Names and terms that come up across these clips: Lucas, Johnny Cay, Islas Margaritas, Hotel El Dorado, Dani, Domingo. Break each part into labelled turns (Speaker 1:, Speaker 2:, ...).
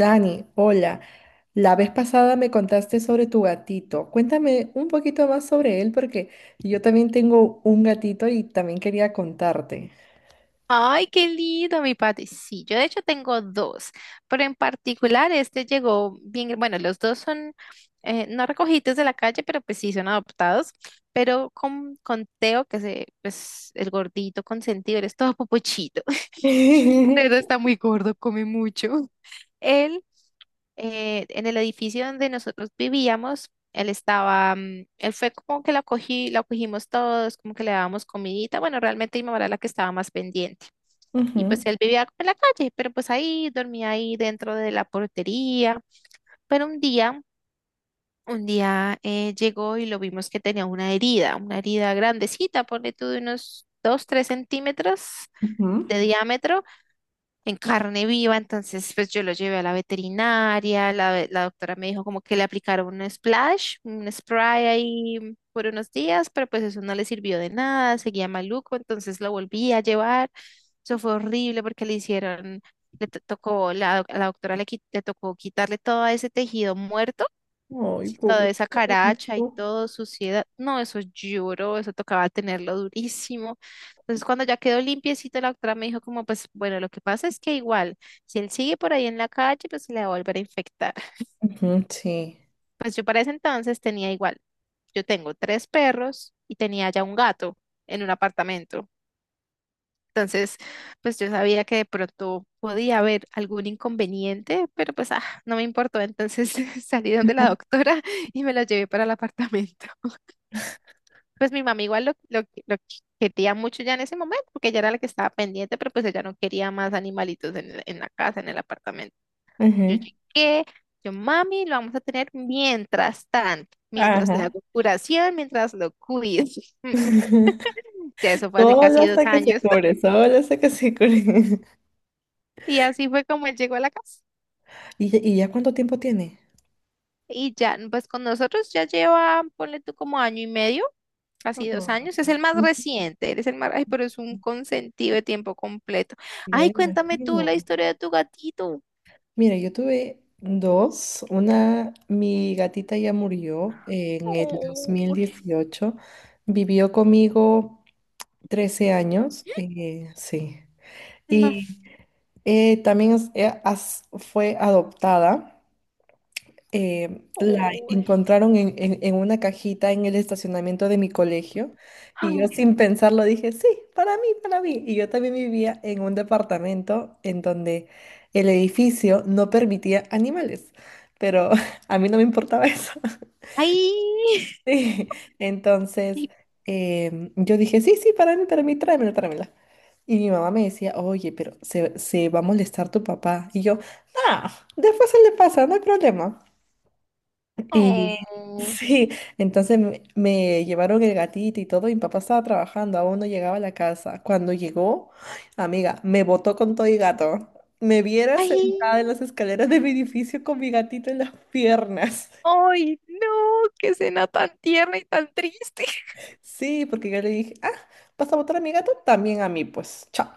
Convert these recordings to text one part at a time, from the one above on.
Speaker 1: Dani, hola. La vez pasada me contaste sobre tu gatito. Cuéntame un poquito más sobre él porque yo también tengo un gatito y también quería contarte.
Speaker 2: Ay, qué lindo, mi Pati. Sí, yo de hecho tengo dos, pero en particular este llegó bien, bueno, los dos son no recogidos de la calle, pero pues sí son adoptados, pero con Teo, que se, pues el gordito consentido, él es todo popochito, de está muy gordo, come mucho. Él, en el edificio donde nosotros vivíamos, él estaba, él fue como que lo acogí, lo acogimos todos, como que le dábamos comidita, bueno, realmente mi mamá era la que estaba más pendiente. Y pues
Speaker 1: Ujú,
Speaker 2: él vivía en la calle, pero pues ahí dormía ahí dentro de la portería. Pero un día llegó y lo vimos que tenía una herida grandecita, ponle tú de unos 2 3 centímetros
Speaker 1: ujú.
Speaker 2: de diámetro en carne viva, entonces pues yo lo llevé a la veterinaria, la, la doctora me dijo como que le aplicaron un splash, un spray ahí por unos días, pero pues eso no le sirvió de nada, seguía maluco, entonces lo volví a llevar, eso fue horrible porque le hicieron, tocó, la, a la doctora le, le tocó quitarle todo ese tejido muerto
Speaker 1: Ay,
Speaker 2: toda esa caracha y
Speaker 1: pobrecito.
Speaker 2: todo, suciedad. No, eso lloró, eso tocaba tenerlo durísimo. Entonces, cuando ya quedó limpiecito, la doctora me dijo como, pues, bueno, lo que pasa es que igual, si él sigue por ahí en la calle, pues se le va a volver a infectar.
Speaker 1: Ujú, sí.
Speaker 2: Pues yo para ese entonces tenía igual, yo tengo 3 perros y tenía ya un gato en un apartamento. Entonces, pues yo sabía que de pronto podía haber algún inconveniente, pero pues no me importó. Entonces salí donde la doctora y me la llevé para el apartamento. Pues mi mamá igual lo quería mucho ya en ese momento, porque ella era la que estaba pendiente, pero pues ella no quería más animalitos en, en la casa, en el apartamento. Yo
Speaker 1: Ujú.
Speaker 2: llegué, yo, mami, lo vamos a tener mientras tanto, mientras le
Speaker 1: Ajá.
Speaker 2: hago curación, mientras lo cuido. Ya eso fue hace
Speaker 1: Solo
Speaker 2: casi dos
Speaker 1: hasta que se
Speaker 2: años.
Speaker 1: cure, solo hasta que se cure.
Speaker 2: Y así fue como él llegó a la casa.
Speaker 1: ¿Y ya cuánto tiempo tiene?
Speaker 2: Y ya, pues con nosotros ya lleva, ponle tú como año y medio,
Speaker 1: Ah,
Speaker 2: casi 2 años. Es el más
Speaker 1: ujú.
Speaker 2: reciente, eres el más, ay, pero es un consentido de tiempo completo.
Speaker 1: Ya
Speaker 2: Ay,
Speaker 1: me
Speaker 2: cuéntame tú la
Speaker 1: imagino.
Speaker 2: historia de tu gatito.
Speaker 1: Mira, yo tuve dos. Una, mi gatita ya murió en el dos
Speaker 2: Oh,
Speaker 1: mil dieciocho. Vivió conmigo 13 años. Sí.
Speaker 2: no.
Speaker 1: Y también fue adoptada. La
Speaker 2: Oh,
Speaker 1: encontraron en una cajita en el estacionamiento de mi colegio y yo
Speaker 2: ay,
Speaker 1: sin pensarlo dije, sí, para mí, para mí. Y yo también vivía en un departamento en donde el edificio no permitía animales, pero a mí no me importaba eso.
Speaker 2: ay,
Speaker 1: Sí, entonces yo dije, sí, sí, para mí, tráemela, tráemela. Y mi mamá me decía, oye, pero se va a molestar tu papá. Y yo, ah, después se le pasa, no hay problema. Y
Speaker 2: oh,
Speaker 1: sí, entonces me llevaron el gatito y todo, y mi papá estaba trabajando, aún no llegaba a la casa. Cuando llegó, amiga, me botó con todo y gato. Me viera
Speaker 2: ay,
Speaker 1: sentada en las escaleras de mi edificio con mi gatito en las piernas.
Speaker 2: ay, no, qué cena tan tierna y tan triste.
Speaker 1: Sí, porque yo le dije, ah, ¿vas a botar a mi gato? También a mí, pues, chao.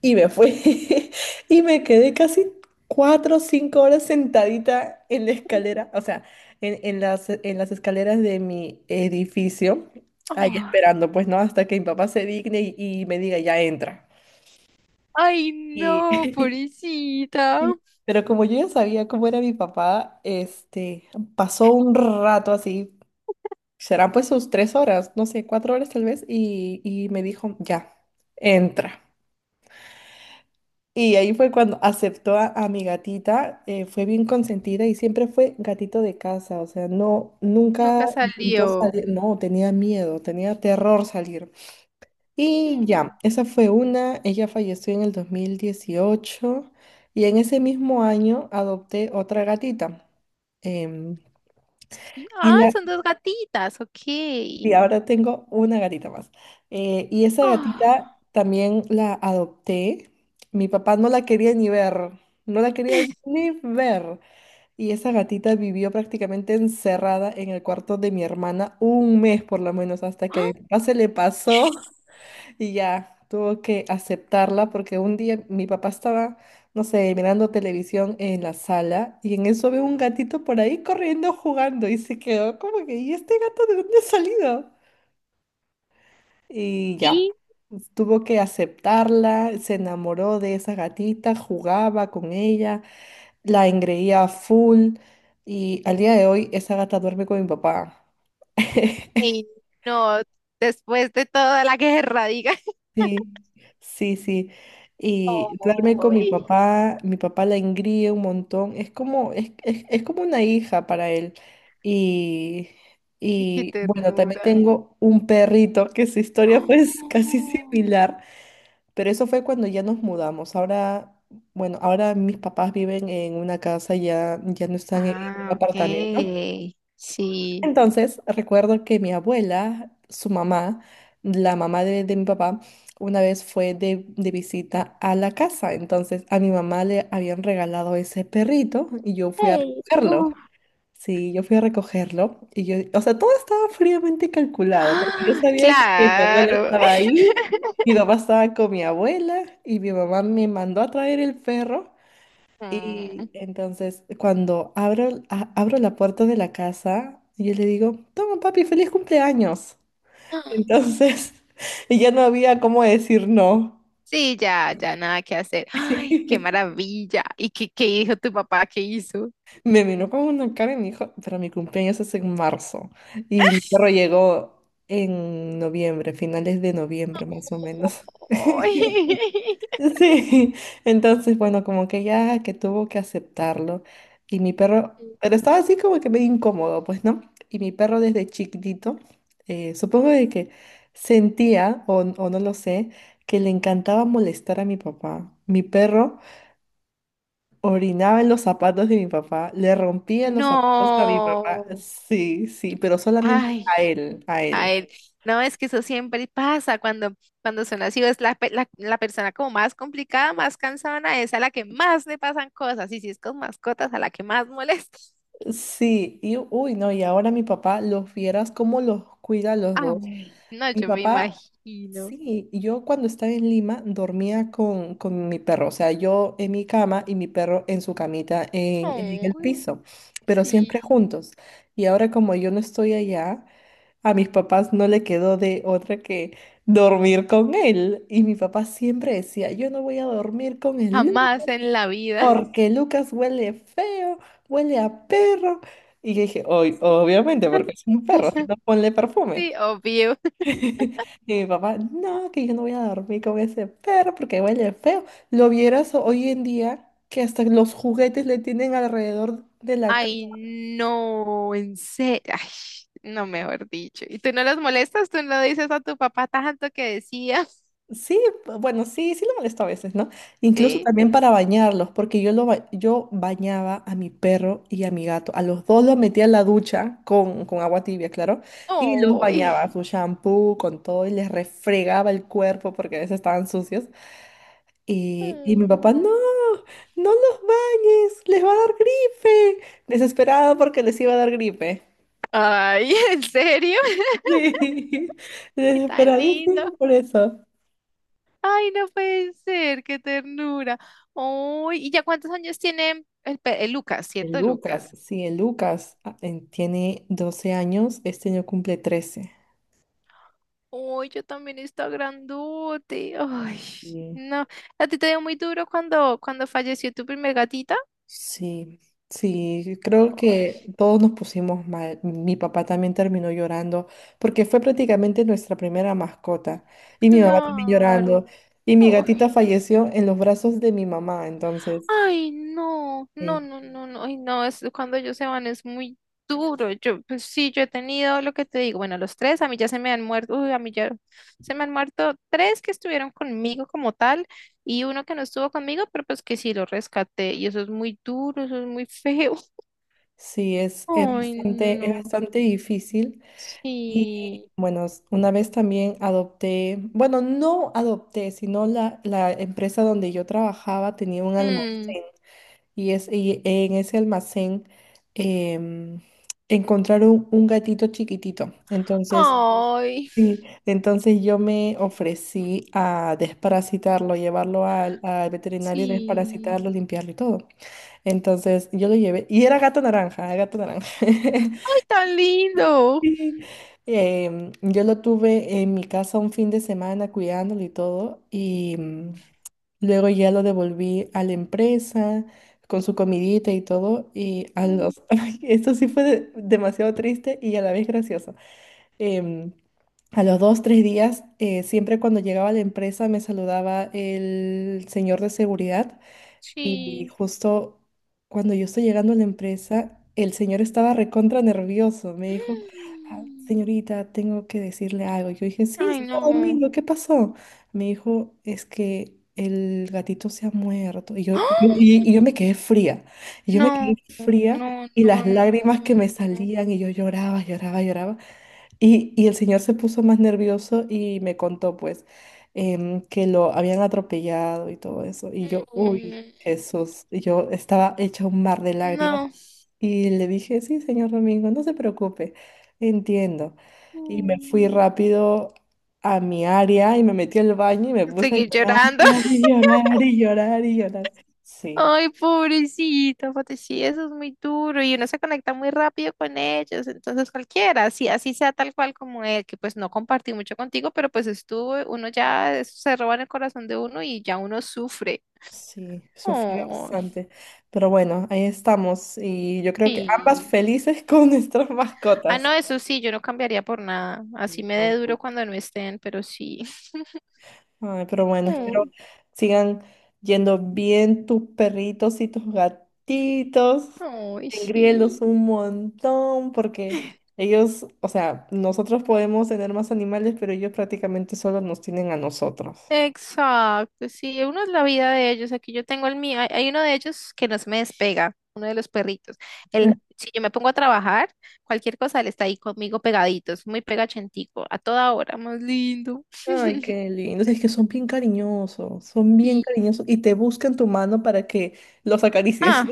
Speaker 1: Y me fui y me quedé casi 4 o 5 horas sentadita en la escalera, o sea, en las escaleras de mi edificio, ahí
Speaker 2: Ay,
Speaker 1: esperando, pues no, hasta que mi papá se digne y me diga, ya entra.
Speaker 2: ay,
Speaker 1: Y,
Speaker 2: no, pobrecita.
Speaker 1: y- pero como yo ya sabía cómo era mi papá, este, pasó un rato así, serán pues sus 3 horas, no sé, 4 horas tal vez, y me dijo, ya, entra. Y ahí fue cuando aceptó a mi gatita, fue bien consentida y siempre fue gatito de casa, o sea, no, nunca
Speaker 2: Nunca
Speaker 1: intentó
Speaker 2: salió.
Speaker 1: salir, no, tenía miedo, tenía terror salir. Y ya,
Speaker 2: Mm.
Speaker 1: esa fue una, ella falleció en el 2018 y en ese mismo año adopté otra gatita. em,
Speaker 2: Y-
Speaker 1: y
Speaker 2: Ah,
Speaker 1: la,
Speaker 2: son 2 gatitas, ok.
Speaker 1: y ahora tengo una gatita más. Y esa
Speaker 2: Ah,
Speaker 1: gatita también la adopté. Mi papá no la quería ni ver, no la quería ni ver. Y esa gatita vivió prácticamente encerrada en el cuarto de mi hermana un mes por lo menos, hasta que a mi
Speaker 2: ah,
Speaker 1: papá se le pasó y ya tuvo que aceptarla porque un día mi papá estaba, no sé, mirando televisión en la sala y en eso ve un gatito por ahí corriendo, jugando y se quedó como que, ¿y este gato de dónde ha salido? Y ya,
Speaker 2: y,
Speaker 1: pues, tuvo que aceptarla, se enamoró de esa gatita, jugaba con ella, la engreía a full y al día de hoy esa gata duerme con mi papá.
Speaker 2: y no, después de toda la guerra, diga.
Speaker 1: Sí, sí, sí. Y duerme con
Speaker 2: ¡Ay!
Speaker 1: mi papá la engríe un montón, es como una hija para él. Y,
Speaker 2: ¡Qué
Speaker 1: y bueno, también
Speaker 2: ternura!
Speaker 1: tengo un perrito que su historia fue casi
Speaker 2: Oh.
Speaker 1: similar. Pero eso fue cuando ya nos mudamos. Ahora, bueno, ahora mis papás viven en una casa, ya, ya no están en
Speaker 2: Ah,
Speaker 1: un apartamento.
Speaker 2: ok. Sí.
Speaker 1: Entonces, recuerdo que mi abuela, su mamá, la mamá de mi papá, una vez fue de visita a la casa. Entonces, a mi mamá le habían regalado ese perrito y yo fui a
Speaker 2: Ay,
Speaker 1: recogerlo.
Speaker 2: no.
Speaker 1: Sí, yo fui a recogerlo y yo, o sea, todo estaba fríamente calculado, porque yo
Speaker 2: Ah,
Speaker 1: sabía que mi abuela
Speaker 2: claro.
Speaker 1: estaba ahí, mi papá estaba con mi abuela y mi mamá me mandó a traer el perro. Y
Speaker 2: Mm.
Speaker 1: entonces, cuando abro, abro la puerta de la casa, yo le digo, toma papi, feliz cumpleaños. Entonces, y ya no había cómo decir no.
Speaker 2: Sí, ya, ya nada que hacer. Ay, qué maravilla. ¿Y qué, qué dijo tu papá? ¿Qué hizo?
Speaker 1: Me vino con una cara y me dijo, pero mi cumpleaños es en marzo. Y mi perro llegó en noviembre, finales de noviembre más o menos. Sí, entonces, bueno, como que ya que tuvo que aceptarlo. Y mi perro,
Speaker 2: Ay.
Speaker 1: pero estaba así como que medio incómodo, pues, ¿no? Y mi perro desde chiquitito, supongo de que sentía, o no lo sé, que le encantaba molestar a mi papá. Mi perro orinaba en los zapatos de mi papá, le rompía los zapatos a mi papá,
Speaker 2: No.
Speaker 1: sí, sí, pero solamente
Speaker 2: Ay,
Speaker 1: a él, a
Speaker 2: a
Speaker 1: él.
Speaker 2: él. No, es que eso siempre pasa cuando, cuando son así. Es la, la, la persona como más complicada, más cansada, es a la que más le pasan cosas. Y si es con mascotas, a la que más molesta.
Speaker 1: Sí, y uy, no, y ahora mi papá, los vieras cómo los cuida a los dos.
Speaker 2: Ay, no,
Speaker 1: Mi
Speaker 2: yo me
Speaker 1: papá,
Speaker 2: imagino.
Speaker 1: sí, yo cuando estaba en Lima dormía con mi perro, o sea, yo en mi cama y mi perro en su camita en el
Speaker 2: Ay,
Speaker 1: piso, pero siempre
Speaker 2: sí.
Speaker 1: juntos. Y ahora como yo no estoy allá, a mis papás no le quedó de otra que dormir con él. Y mi papá siempre decía, yo no voy a dormir con el
Speaker 2: Jamás en la vida.
Speaker 1: porque Lucas huele feo, huele a perro. Y yo dije, "Oy, obviamente, porque es un perro, si no ponle perfume.
Speaker 2: Sí, obvio.
Speaker 1: Y mi papá, no, que yo no voy a dormir con ese perro porque huele feo. Lo vieras hoy en día que hasta los juguetes le tienen alrededor de la cama.
Speaker 2: Ay, no, en serio. Ay, no, mejor dicho. ¿Y tú no los molestas? ¿Tú no dices a tu papá tanto que decía?
Speaker 1: Sí, bueno, sí, sí lo molesto a veces, ¿no? Incluso
Speaker 2: Sí.
Speaker 1: también para bañarlos, porque yo bañaba a mi perro y a mi gato. A los dos los metía en la ducha con agua tibia, claro, y los bañaba
Speaker 2: ¡Ay!
Speaker 1: su shampoo, con todo, y les refregaba el cuerpo porque a veces estaban sucios. Y mi papá,
Speaker 2: Mm.
Speaker 1: no, no los bañes, les va a dar gripe. Desesperado porque les iba a dar gripe.
Speaker 2: Ay, ¿en serio?
Speaker 1: Sí,
Speaker 2: ¡Qué tan lindo!
Speaker 1: desesperadísimo por eso.
Speaker 2: Ay, no puede ser, qué ternura. Ay, ¿y ya cuántos años tiene el, el Lucas,
Speaker 1: El
Speaker 2: cierto,
Speaker 1: Lucas,
Speaker 2: Lucas?
Speaker 1: sí, el Lucas tiene 12 años, este año cumple 13.
Speaker 2: Ay, yo también está grandote. Ay,
Speaker 1: Y
Speaker 2: no. ¿A ti te dio muy duro cuando, cuando falleció tu primer gatita?
Speaker 1: sí, sí, creo que
Speaker 2: Ay,
Speaker 1: todos nos pusimos mal. Mi papá también terminó llorando porque fue prácticamente nuestra primera mascota. Y mi mamá también
Speaker 2: claro.
Speaker 1: llorando. Y mi gatita falleció en los brazos de mi mamá, entonces,
Speaker 2: Ay, no,
Speaker 1: sí,
Speaker 2: no, no, no, no, ay, no, es cuando ellos se van es muy duro. Yo, pues sí, yo he tenido lo que te digo, bueno, los tres, a mí ya se me han muerto, uy, a mí ya se me han muerto 3 que estuvieron conmigo como tal y uno que no estuvo conmigo, pero pues que sí lo rescaté y eso es muy duro, eso es muy feo.
Speaker 1: sí, es
Speaker 2: Ay,
Speaker 1: bastante, es
Speaker 2: no,
Speaker 1: bastante difícil.
Speaker 2: sí.
Speaker 1: Bueno, una vez también adopté, bueno, no adopté, sino la empresa donde yo trabajaba tenía un
Speaker 2: Mm.
Speaker 1: almacén y en ese almacén em, encontraron un gatito chiquitito. Entonces,
Speaker 2: Ay,
Speaker 1: sí, entonces yo me ofrecí a desparasitarlo, llevarlo al veterinario,
Speaker 2: sí.
Speaker 1: desparasitarlo, limpiarlo y todo. Entonces yo lo llevé y era gato naranja, gato naranja.
Speaker 2: Ay, tan lindo.
Speaker 1: Sí. Yo lo tuve en mi casa un fin de semana cuidándolo y todo, y luego ya lo devolví a la empresa con su comidita y todo, y a
Speaker 2: Mm.
Speaker 1: los. Ay, esto sí fue demasiado triste y a la vez gracioso. Em, a los dos, tres días, siempre cuando llegaba a la empresa me saludaba el señor de seguridad y
Speaker 2: Sí.
Speaker 1: justo cuando yo estoy llegando a la empresa, el señor estaba recontra nervioso. Me dijo, "Ah,
Speaker 2: Mm.
Speaker 1: señorita, tengo que decirle algo. Yo dije, sí,
Speaker 2: Ay,
Speaker 1: señor
Speaker 2: no.
Speaker 1: Domingo, ¿qué pasó? Me dijo, es que el gatito se ha muerto. Y yo,
Speaker 2: ¡Ah!
Speaker 1: y yo me quedé fría. Y yo me quedé
Speaker 2: No, no,
Speaker 1: fría
Speaker 2: no,
Speaker 1: y las
Speaker 2: no,
Speaker 1: lágrimas que me
Speaker 2: no,
Speaker 1: salían y yo lloraba, lloraba, lloraba. Y el señor se puso más nervioso y me contó, pues, que lo habían atropellado y todo eso. Y yo, uy, Jesús, y yo estaba hecha un mar de lágrimas.
Speaker 2: no,
Speaker 1: Y le dije, sí, señor Domingo, no se preocupe, entiendo. Y me fui
Speaker 2: no.
Speaker 1: rápido a mi área y me metí al baño y me puse a
Speaker 2: Seguir
Speaker 1: llorar
Speaker 2: llorando.
Speaker 1: y llorar y llorar y llorar. Sí.
Speaker 2: Ay, pobrecito, Fati, sí, eso es muy duro y uno se conecta muy rápido con ellos, entonces cualquiera, así, así sea tal cual como él, que pues no compartí mucho contigo, pero pues estuvo, uno ya eso se roba en el corazón de uno y ya uno sufre.
Speaker 1: Sí, sufrí
Speaker 2: Ay.
Speaker 1: bastante. Pero bueno, ahí estamos. Y yo creo que ambas
Speaker 2: Sí.
Speaker 1: felices con nuestras
Speaker 2: Ah,
Speaker 1: mascotas.
Speaker 2: no, eso sí, yo no cambiaría por nada. Así me dé duro cuando no estén, pero sí.
Speaker 1: Ay, pero bueno, espero sigan yendo bien tus perritos y tus gatitos.
Speaker 2: Ay,
Speaker 1: Engríelos
Speaker 2: sí.
Speaker 1: un montón porque ellos, o sea, nosotros podemos tener más animales, pero ellos prácticamente solo nos tienen a nosotros.
Speaker 2: Exacto, sí, uno es la vida de ellos. Aquí yo tengo el mío. Hay uno de ellos que no se me despega, uno de los perritos. Él, si yo me pongo a trabajar, cualquier cosa, él está ahí conmigo pegadito, es muy pegachentico, a toda hora, más lindo.
Speaker 1: Ay, qué lindo. Es que son bien
Speaker 2: Y,
Speaker 1: cariñosos y te buscan tu mano para que los acaricies.
Speaker 2: ah,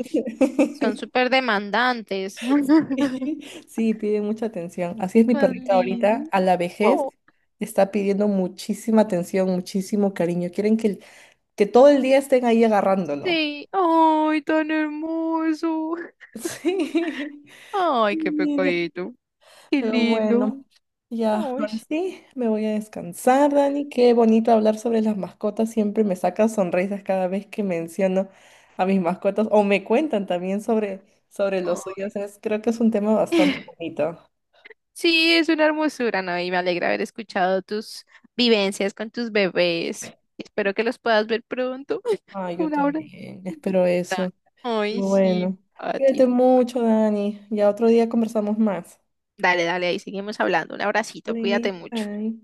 Speaker 2: son súper demandantes.
Speaker 1: Sí, piden mucha atención. Así es mi
Speaker 2: Más
Speaker 1: perrita ahorita,
Speaker 2: lindo.
Speaker 1: a la vejez,
Speaker 2: Oh,
Speaker 1: está pidiendo muchísima atención, muchísimo cariño. Quieren que todo el día estén ahí agarrándolo.
Speaker 2: sí, ay, tan hermoso.
Speaker 1: Sí.
Speaker 2: Ay, qué pecadito, qué
Speaker 1: Pero
Speaker 2: lindo.
Speaker 1: bueno, ya,
Speaker 2: Ay,
Speaker 1: ahora sí, me voy a descansar, Dani. Qué bonito hablar sobre las mascotas. Siempre me saca sonrisas cada vez que menciono a mis mascotas o me cuentan también sobre los
Speaker 2: ay.
Speaker 1: suyos. Creo que es un tema bastante bonito.
Speaker 2: Sí, es una hermosura, ¿no? Y me alegra haber escuchado tus vivencias con tus bebés. Espero que los puedas ver pronto.
Speaker 1: Ah, yo
Speaker 2: Un abrazo.
Speaker 1: también, espero eso.
Speaker 2: Ay, sí,
Speaker 1: Bueno,
Speaker 2: a ti.
Speaker 1: cuídate mucho, Dani. Ya otro día conversamos más.
Speaker 2: Dale, dale, ahí seguimos hablando. Un abracito,
Speaker 1: Vale,
Speaker 2: cuídate mucho.
Speaker 1: bye.